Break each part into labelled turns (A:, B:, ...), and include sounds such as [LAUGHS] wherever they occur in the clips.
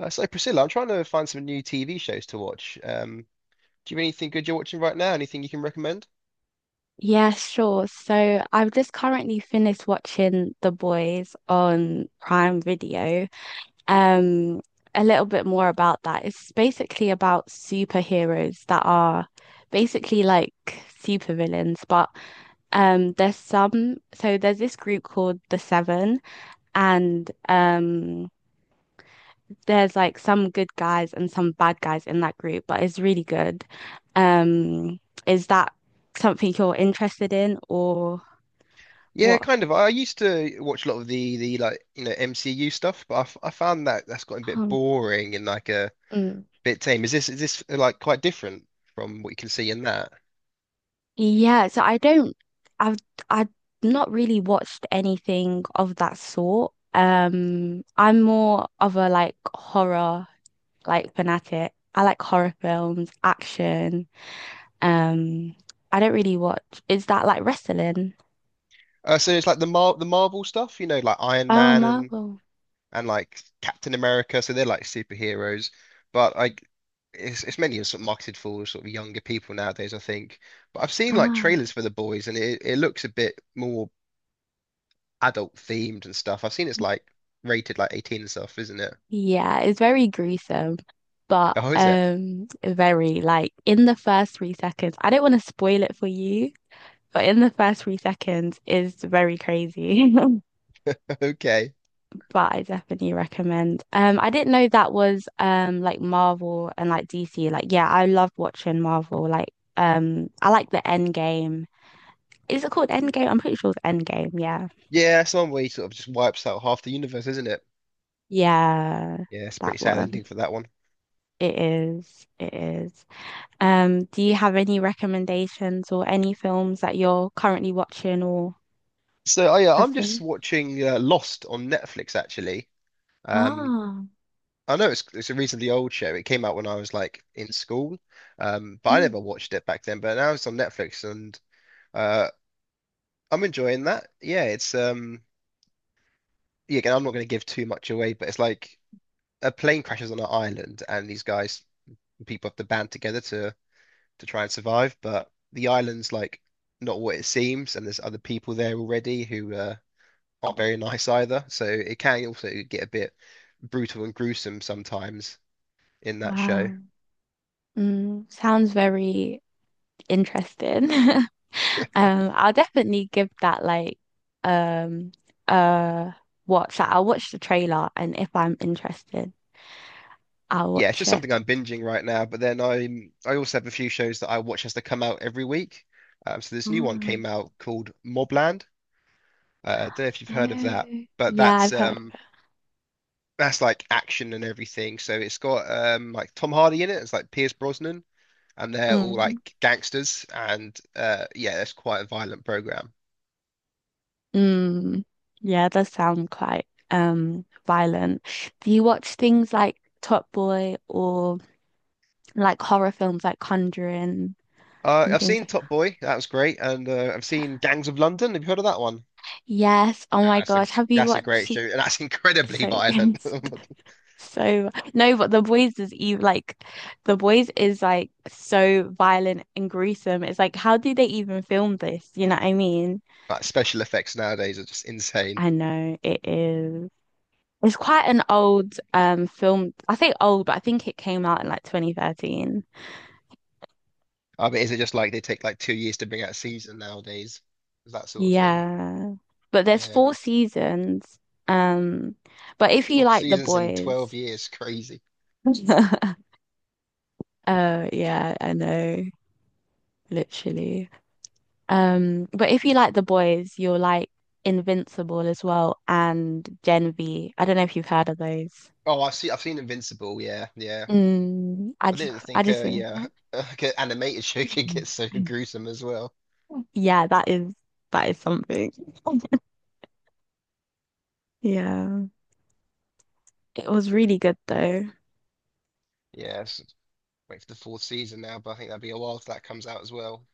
A: So Priscilla, I'm trying to find some new TV shows to watch. Do you have anything good you're watching right now? Anything you can recommend?
B: Yeah, sure. So I've just currently finished watching The Boys on Prime Video. Um, a little bit more about that. It's basically about superheroes that are basically like supervillains, but there's some so there's this group called the Seven, and there's like some good guys and some bad guys in that group, but it's really good. Um, is that something you're interested in, or
A: Yeah,
B: what?
A: kind of. I used to watch a lot of the MCU stuff, but I found that that's gotten a bit
B: Um,
A: boring and like a
B: mm,
A: bit tame. Is this like quite different from what you can see in that?
B: yeah, so I don't, I've, I've not really watched anything of that sort. I'm more of a like horror, like fanatic. I like horror films, action. Um, I don't really watch. Is that like wrestling?
A: So it's like the Marvel stuff, you know, like Iron
B: Oh,
A: Man and
B: Marvel.
A: like Captain America, so they're like superheroes. But like it's mainly sort of marketed for sort of younger people nowadays, I think. But I've seen like
B: Ah,
A: trailers for The Boys and it looks a bit more adult themed and stuff. I've seen it's like rated like 18 and stuff, isn't it?
B: yeah, it's very gruesome, but
A: Oh, is it?
B: very like in the first 3 seconds. I don't want to spoil it for you. But in the first 3 seconds is very crazy. [LAUGHS]
A: [LAUGHS] Okay.
B: But I definitely recommend. I didn't know that was like Marvel and like DC. Like, yeah, I love watching Marvel. Like, I like the End Game. Is it called End Game? I'm pretty sure it's End Game. Yeah,
A: Yeah, some way sort of just wipes out half the universe, isn't it?
B: yeah,
A: Yeah, it's a pretty
B: that
A: sad
B: one.
A: ending for that one.
B: It is. It is. Do you have any recommendations, or any films that you're currently watching or
A: Oh yeah,
B: have
A: I'm just
B: finished?
A: watching Lost on Netflix actually. Um,
B: Ah,
A: I know it's a reasonably old show. It came out when I was like in school, but I
B: mm,
A: never watched it back then. But now it's on Netflix, and uh, I'm enjoying that. Yeah. Again, I'm not going to give too much away, but it's like a plane crashes on an island, and people have to band together to try and survive. But the island's like not what it seems, and there's other people there already who aren't very nice either. So it can also get a bit brutal and gruesome sometimes in that show.
B: wow. Mm, sounds very interesting. [LAUGHS] I'll definitely give that like um uh watch. Like, I'll watch the trailer, and if I'm interested, I'll
A: Yeah, it's
B: watch
A: just
B: it.
A: something I'm binging right now. But then I also have a few shows that I watch as they come out every week. So
B: [GASPS]
A: this new one
B: Oh,
A: came out called Mobland. I don't know if you've heard of that,
B: oh,
A: but
B: yeah, I've heard of
A: that's like action and everything. So it's got like Tom Hardy in it. It's like Pierce Brosnan, and
B: it.
A: they're all
B: Mm.
A: like gangsters. And yeah, that's quite a violent program.
B: Mm. Yeah, it does sound quite violent. Do you watch things like Top Boy or like horror films like Conjuring and
A: I've
B: things
A: seen
B: like that?
A: Top Boy. That was great, and I've seen
B: Yeah.
A: Gangs of London. Have you heard of that one?
B: Yes. Oh my
A: That's a
B: gosh. Have you
A: that's a
B: watched? [LAUGHS]
A: great show, and that's incredibly
B: So
A: violent.
B: good. [LAUGHS]
A: [LAUGHS]
B: So no, but The Boys is like so violent and gruesome. It's like, how do they even film this? You know what I mean?
A: Like special effects nowadays are just insane.
B: I know it is. It's quite an old film. I say old, but I think it came out in like 2013.
A: I mean, is it just like they take like 2 years to bring out a season nowadays? That sort of thing.
B: Yeah. But there's
A: Uh,
B: four seasons. Um, but if you
A: Four
B: like The
A: seasons in 12
B: Boys,
A: years, crazy.
B: [LAUGHS] oh yeah, I know, literally. But if you like the boys, you'll like Invincible as well, and Gen V. I don't know if you've heard of those.
A: Oh, I've seen Invincible, yeah, yeah.
B: Mm,
A: I didn't
B: I
A: think
B: just finished
A: yeah,
B: that.
A: [LAUGHS] like an animated show [LAUGHS] could get
B: [CLEARS THROAT]
A: so gruesome as well.
B: Yeah, that is something. Yeah. It was really good though.
A: Yeah, it's- Wait for the fourth season now, but I think that'll be a while till that comes out as well.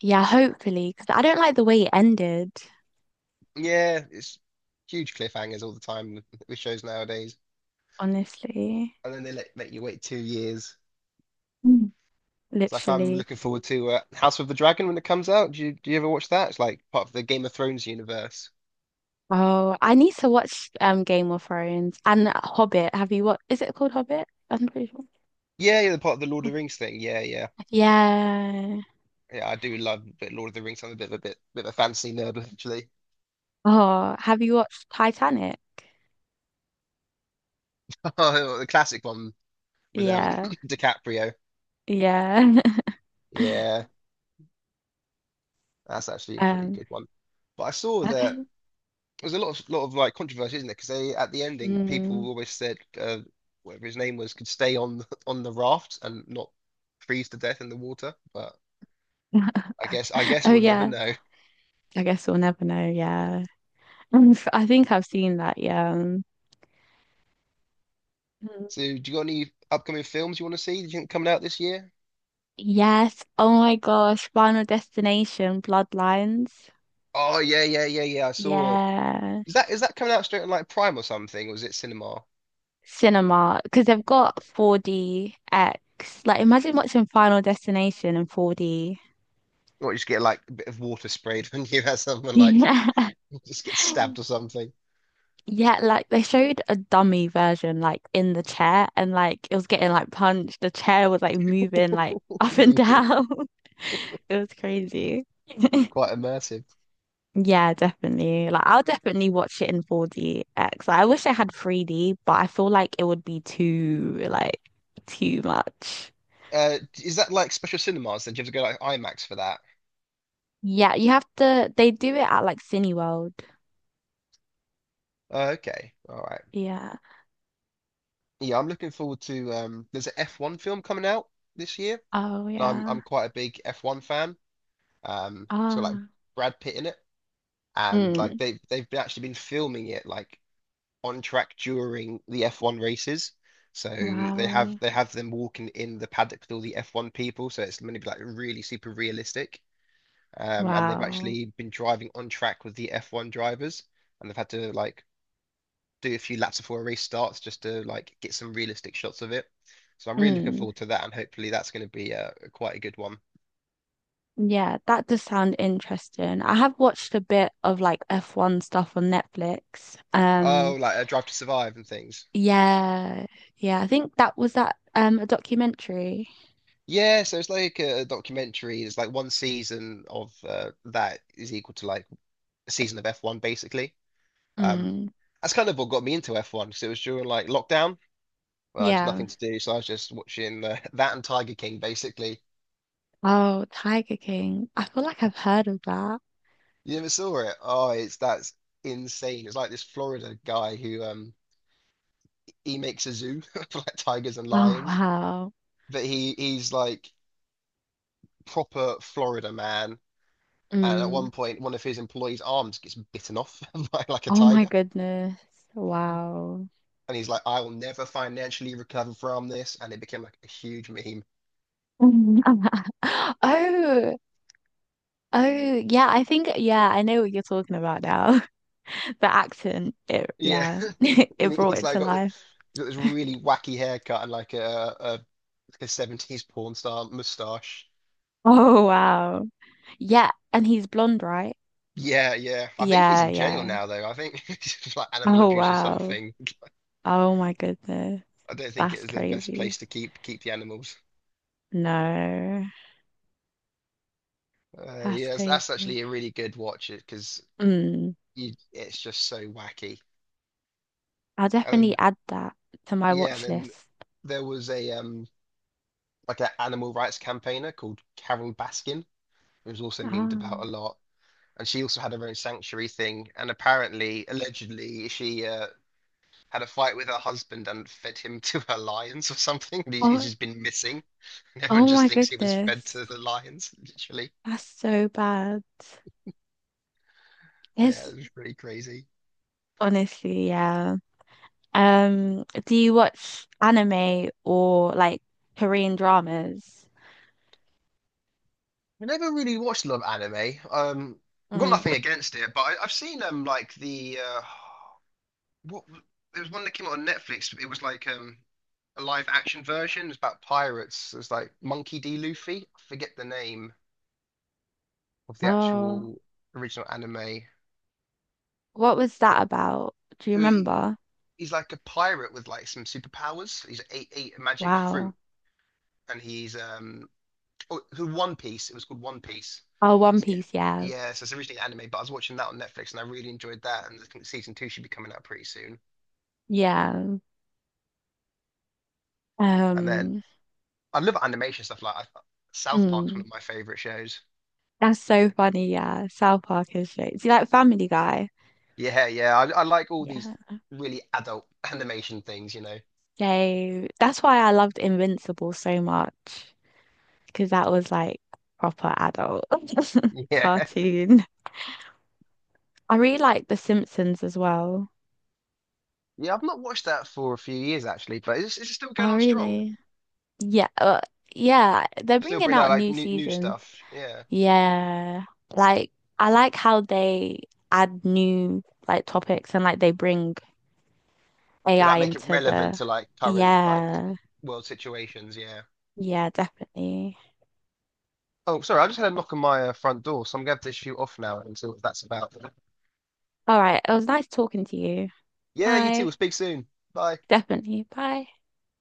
B: Yeah, hopefully, because I don't like the way it ended,
A: Yeah, it's huge cliffhangers all the time with shows nowadays.
B: honestly.
A: And then let you wait 2 years.
B: Mm.
A: It's like I'm
B: Literally.
A: looking forward to House of the Dragon when it comes out. Do you ever watch that? It's like part of the Game of Thrones universe.
B: Oh, I need to watch Game of Thrones and Hobbit. Have you, what is it called, Hobbit? I'm pretty sure it's
A: Yeah, yeah, the part of the Lord of
B: called
A: the Rings thing. Yeah, yeah.
B: Hobbit. Yeah.
A: Yeah, I do love a bit Lord of the Rings. I'm a bit of a bit, bit of a fantasy nerd actually.
B: Oh, have you watched Titanic?
A: [LAUGHS] The classic one with
B: Yeah,
A: [COUGHS] [LAUGHS] DiCaprio.
B: yeah. [LAUGHS]
A: Yeah, that's actually a pretty
B: Um,
A: good one. But I saw that
B: okay.
A: there was a lot of like controversy, isn't there? Because they at the ending, people
B: Mm.
A: always said whatever his name was could stay on [LAUGHS] on the raft and not freeze to death in the water. But I
B: [LAUGHS]
A: guess
B: Oh
A: we'll never
B: yeah,
A: know.
B: I guess we'll never know. Yeah, [LAUGHS] I think I've seen that. Yeah. Mm.
A: So, do you got any upcoming films you want to see? Do you think coming out this year?
B: Yes. Oh my gosh, Final Destination, Bloodlines.
A: Oh yeah, yeah, yeah, yeah. I saw.
B: Yeah,
A: Is that coming out straight on like Prime or something, or is it cinema?
B: cinema, because they've got 4DX. Like, imagine watching Final Destination in 4D.
A: Or you just get like a bit of water sprayed [LAUGHS] when you have someone like
B: Yeah.
A: [LAUGHS] just get
B: [LAUGHS]
A: stabbed or something. [LAUGHS]
B: Yeah, like they showed a dummy version, like in the chair, and like it was getting like punched. The chair was like moving like [LAUGHS] up and
A: Yeah,
B: down. [LAUGHS] It was crazy. [LAUGHS]
A: quite immersive.
B: Yeah, definitely. Like, I'll definitely watch it in 4DX. Like, I wish I had 3D, but I feel like it would be too like too much.
A: Is that like special cinemas? Then do you have to go like IMAX for that?
B: Yeah, you have to. They do it at like Cineworld.
A: Oh, okay, all right.
B: Yeah.
A: Yeah, I'm looking forward to. There's an F1 film coming out this year,
B: Oh
A: and I'm
B: yeah.
A: I'm quite a big F1 fan. It's got like
B: Ah.
A: Brad Pitt in it. And like
B: Mm.
A: they've been- actually been filming it like on track during the F1 races. So
B: Wow.
A: they have them walking in the paddock with all the F1 people. So it's going to be like really super realistic. And they've
B: Wow.
A: actually been driving on track with the F1 drivers, and they've had to like do a few laps before a race starts just to like get some realistic shots of it. So I'm really looking
B: Mm.
A: forward to that, and hopefully that's going to be quite a good one.
B: Yeah, that does sound interesting. I have watched a bit of like F1 stuff on Netflix.
A: Oh, like a Drive to Survive and things.
B: Yeah, yeah, I think that was that a documentary.
A: Yeah, so it's like a documentary. It's like one season of that is equal to like a season of F1 basically. Um,
B: Mm,
A: that's kind of what got me into F1 because it was during like lockdown. Well, I had
B: yeah.
A: nothing to do, so I was just watching [LAUGHS] that and Tiger King basically.
B: Oh, Tiger King. I feel like I've heard of that.
A: You never saw it? Oh, it's that's insane. It's like this Florida guy who he makes a zoo [LAUGHS] for like tigers and
B: Oh,
A: lions,
B: wow.
A: but he's like proper Florida man. And at
B: Mm.
A: one point, one of his employees' arms gets bitten off [LAUGHS] by like a
B: Oh my
A: tiger.
B: goodness. Wow.
A: And he's like, I will never financially recover from this, and it became like a huge meme.
B: [LAUGHS] Oh, oh, yeah, I think, yeah, I know what you're talking about now. [LAUGHS] The accent, it,
A: Yeah,
B: yeah, [LAUGHS]
A: [LAUGHS] and
B: it brought
A: he's
B: it
A: like
B: to
A: got, th-
B: life.
A: got this really wacky haircut and like like a 70s porn star mustache.
B: Oh wow. Yeah, and he's blonde, right?
A: Yeah, yeah. I think he's
B: Yeah,
A: in jail
B: yeah.
A: now though. I think [LAUGHS] it's just like animal
B: Oh
A: abuse or
B: wow.
A: something.
B: Oh my goodness.
A: I don't think it
B: That's
A: is the best
B: crazy.
A: place to keep the animals.
B: No, that's
A: Yeah, that's
B: crazy.
A: actually a really good watch it because
B: Mm.
A: you it's just so wacky.
B: I'll
A: And
B: definitely
A: then,
B: add that to my
A: yeah, and
B: watch
A: then
B: list.
A: there was a like an animal rights campaigner called Carol Baskin. It was also memed about a
B: Ah.
A: lot. And she also had her own sanctuary thing. And apparently, allegedly, she had a fight with her husband and fed him to her lions or something. And he's
B: Oh,
A: just been missing. And everyone
B: oh
A: just
B: my
A: thinks he was fed
B: goodness.
A: to the lions, [LAUGHS] literally.
B: That's so bad. It's
A: Yeah, it was pretty crazy.
B: honestly, yeah. Do you watch anime or like Korean dramas?
A: I never really watched a lot of anime. I've got
B: Mm.
A: nothing against it. I've seen like what there was one that came out on Netflix. It was like a live action version. It was about pirates. It was like Monkey D. Luffy. I forget the name of the
B: Oh.
A: actual original anime.
B: What was
A: But
B: that about? Do you
A: uh, he-
B: remember?
A: he's like a pirate with like some superpowers. He's ate a magic
B: Wow.
A: fruit, and he's um oh, who One Piece. It was called One Piece.
B: Oh, One
A: So,
B: Piece,
A: yeah,
B: yeah.
A: yeah. So it's originally anime, but I was watching that on Netflix, and I really enjoyed that. And I think season two should be coming out pretty soon.
B: Yeah.
A: And then
B: Um,
A: I love animation stuff South Park's one
B: mm.
A: of my favorite shows.
B: That's so funny, yeah. South Park is great. See, like Family Guy.
A: Yeah, yeah. I like all these
B: Yeah.
A: really adult [LAUGHS] animation things, you know.
B: So that's why I loved Invincible so much, because that was like proper adult
A: [LAUGHS]
B: [LAUGHS]
A: Yeah.
B: cartoon. I really like The Simpsons as well.
A: Yeah, I've not watched that for a few years actually, but is it still going
B: Oh,
A: on strong?
B: really? Yeah, yeah, they're
A: Still
B: bringing
A: bring out
B: out
A: like
B: new
A: new
B: seasons.
A: stuff. Yeah,
B: Yeah. Like, I like how they add new like topics, and like they bring
A: they
B: AI
A: like make it
B: into
A: relevant
B: the.
A: to like current like
B: Yeah.
A: world situations. Yeah.
B: Yeah, definitely.
A: Oh, sorry, I just had a knock on my front door, so I'm gonna have to shoot off now and see what that's about.
B: All right. It was nice talking to you.
A: Yeah, you too.
B: Bye.
A: We'll speak soon. Bye.
B: Definitely. Bye.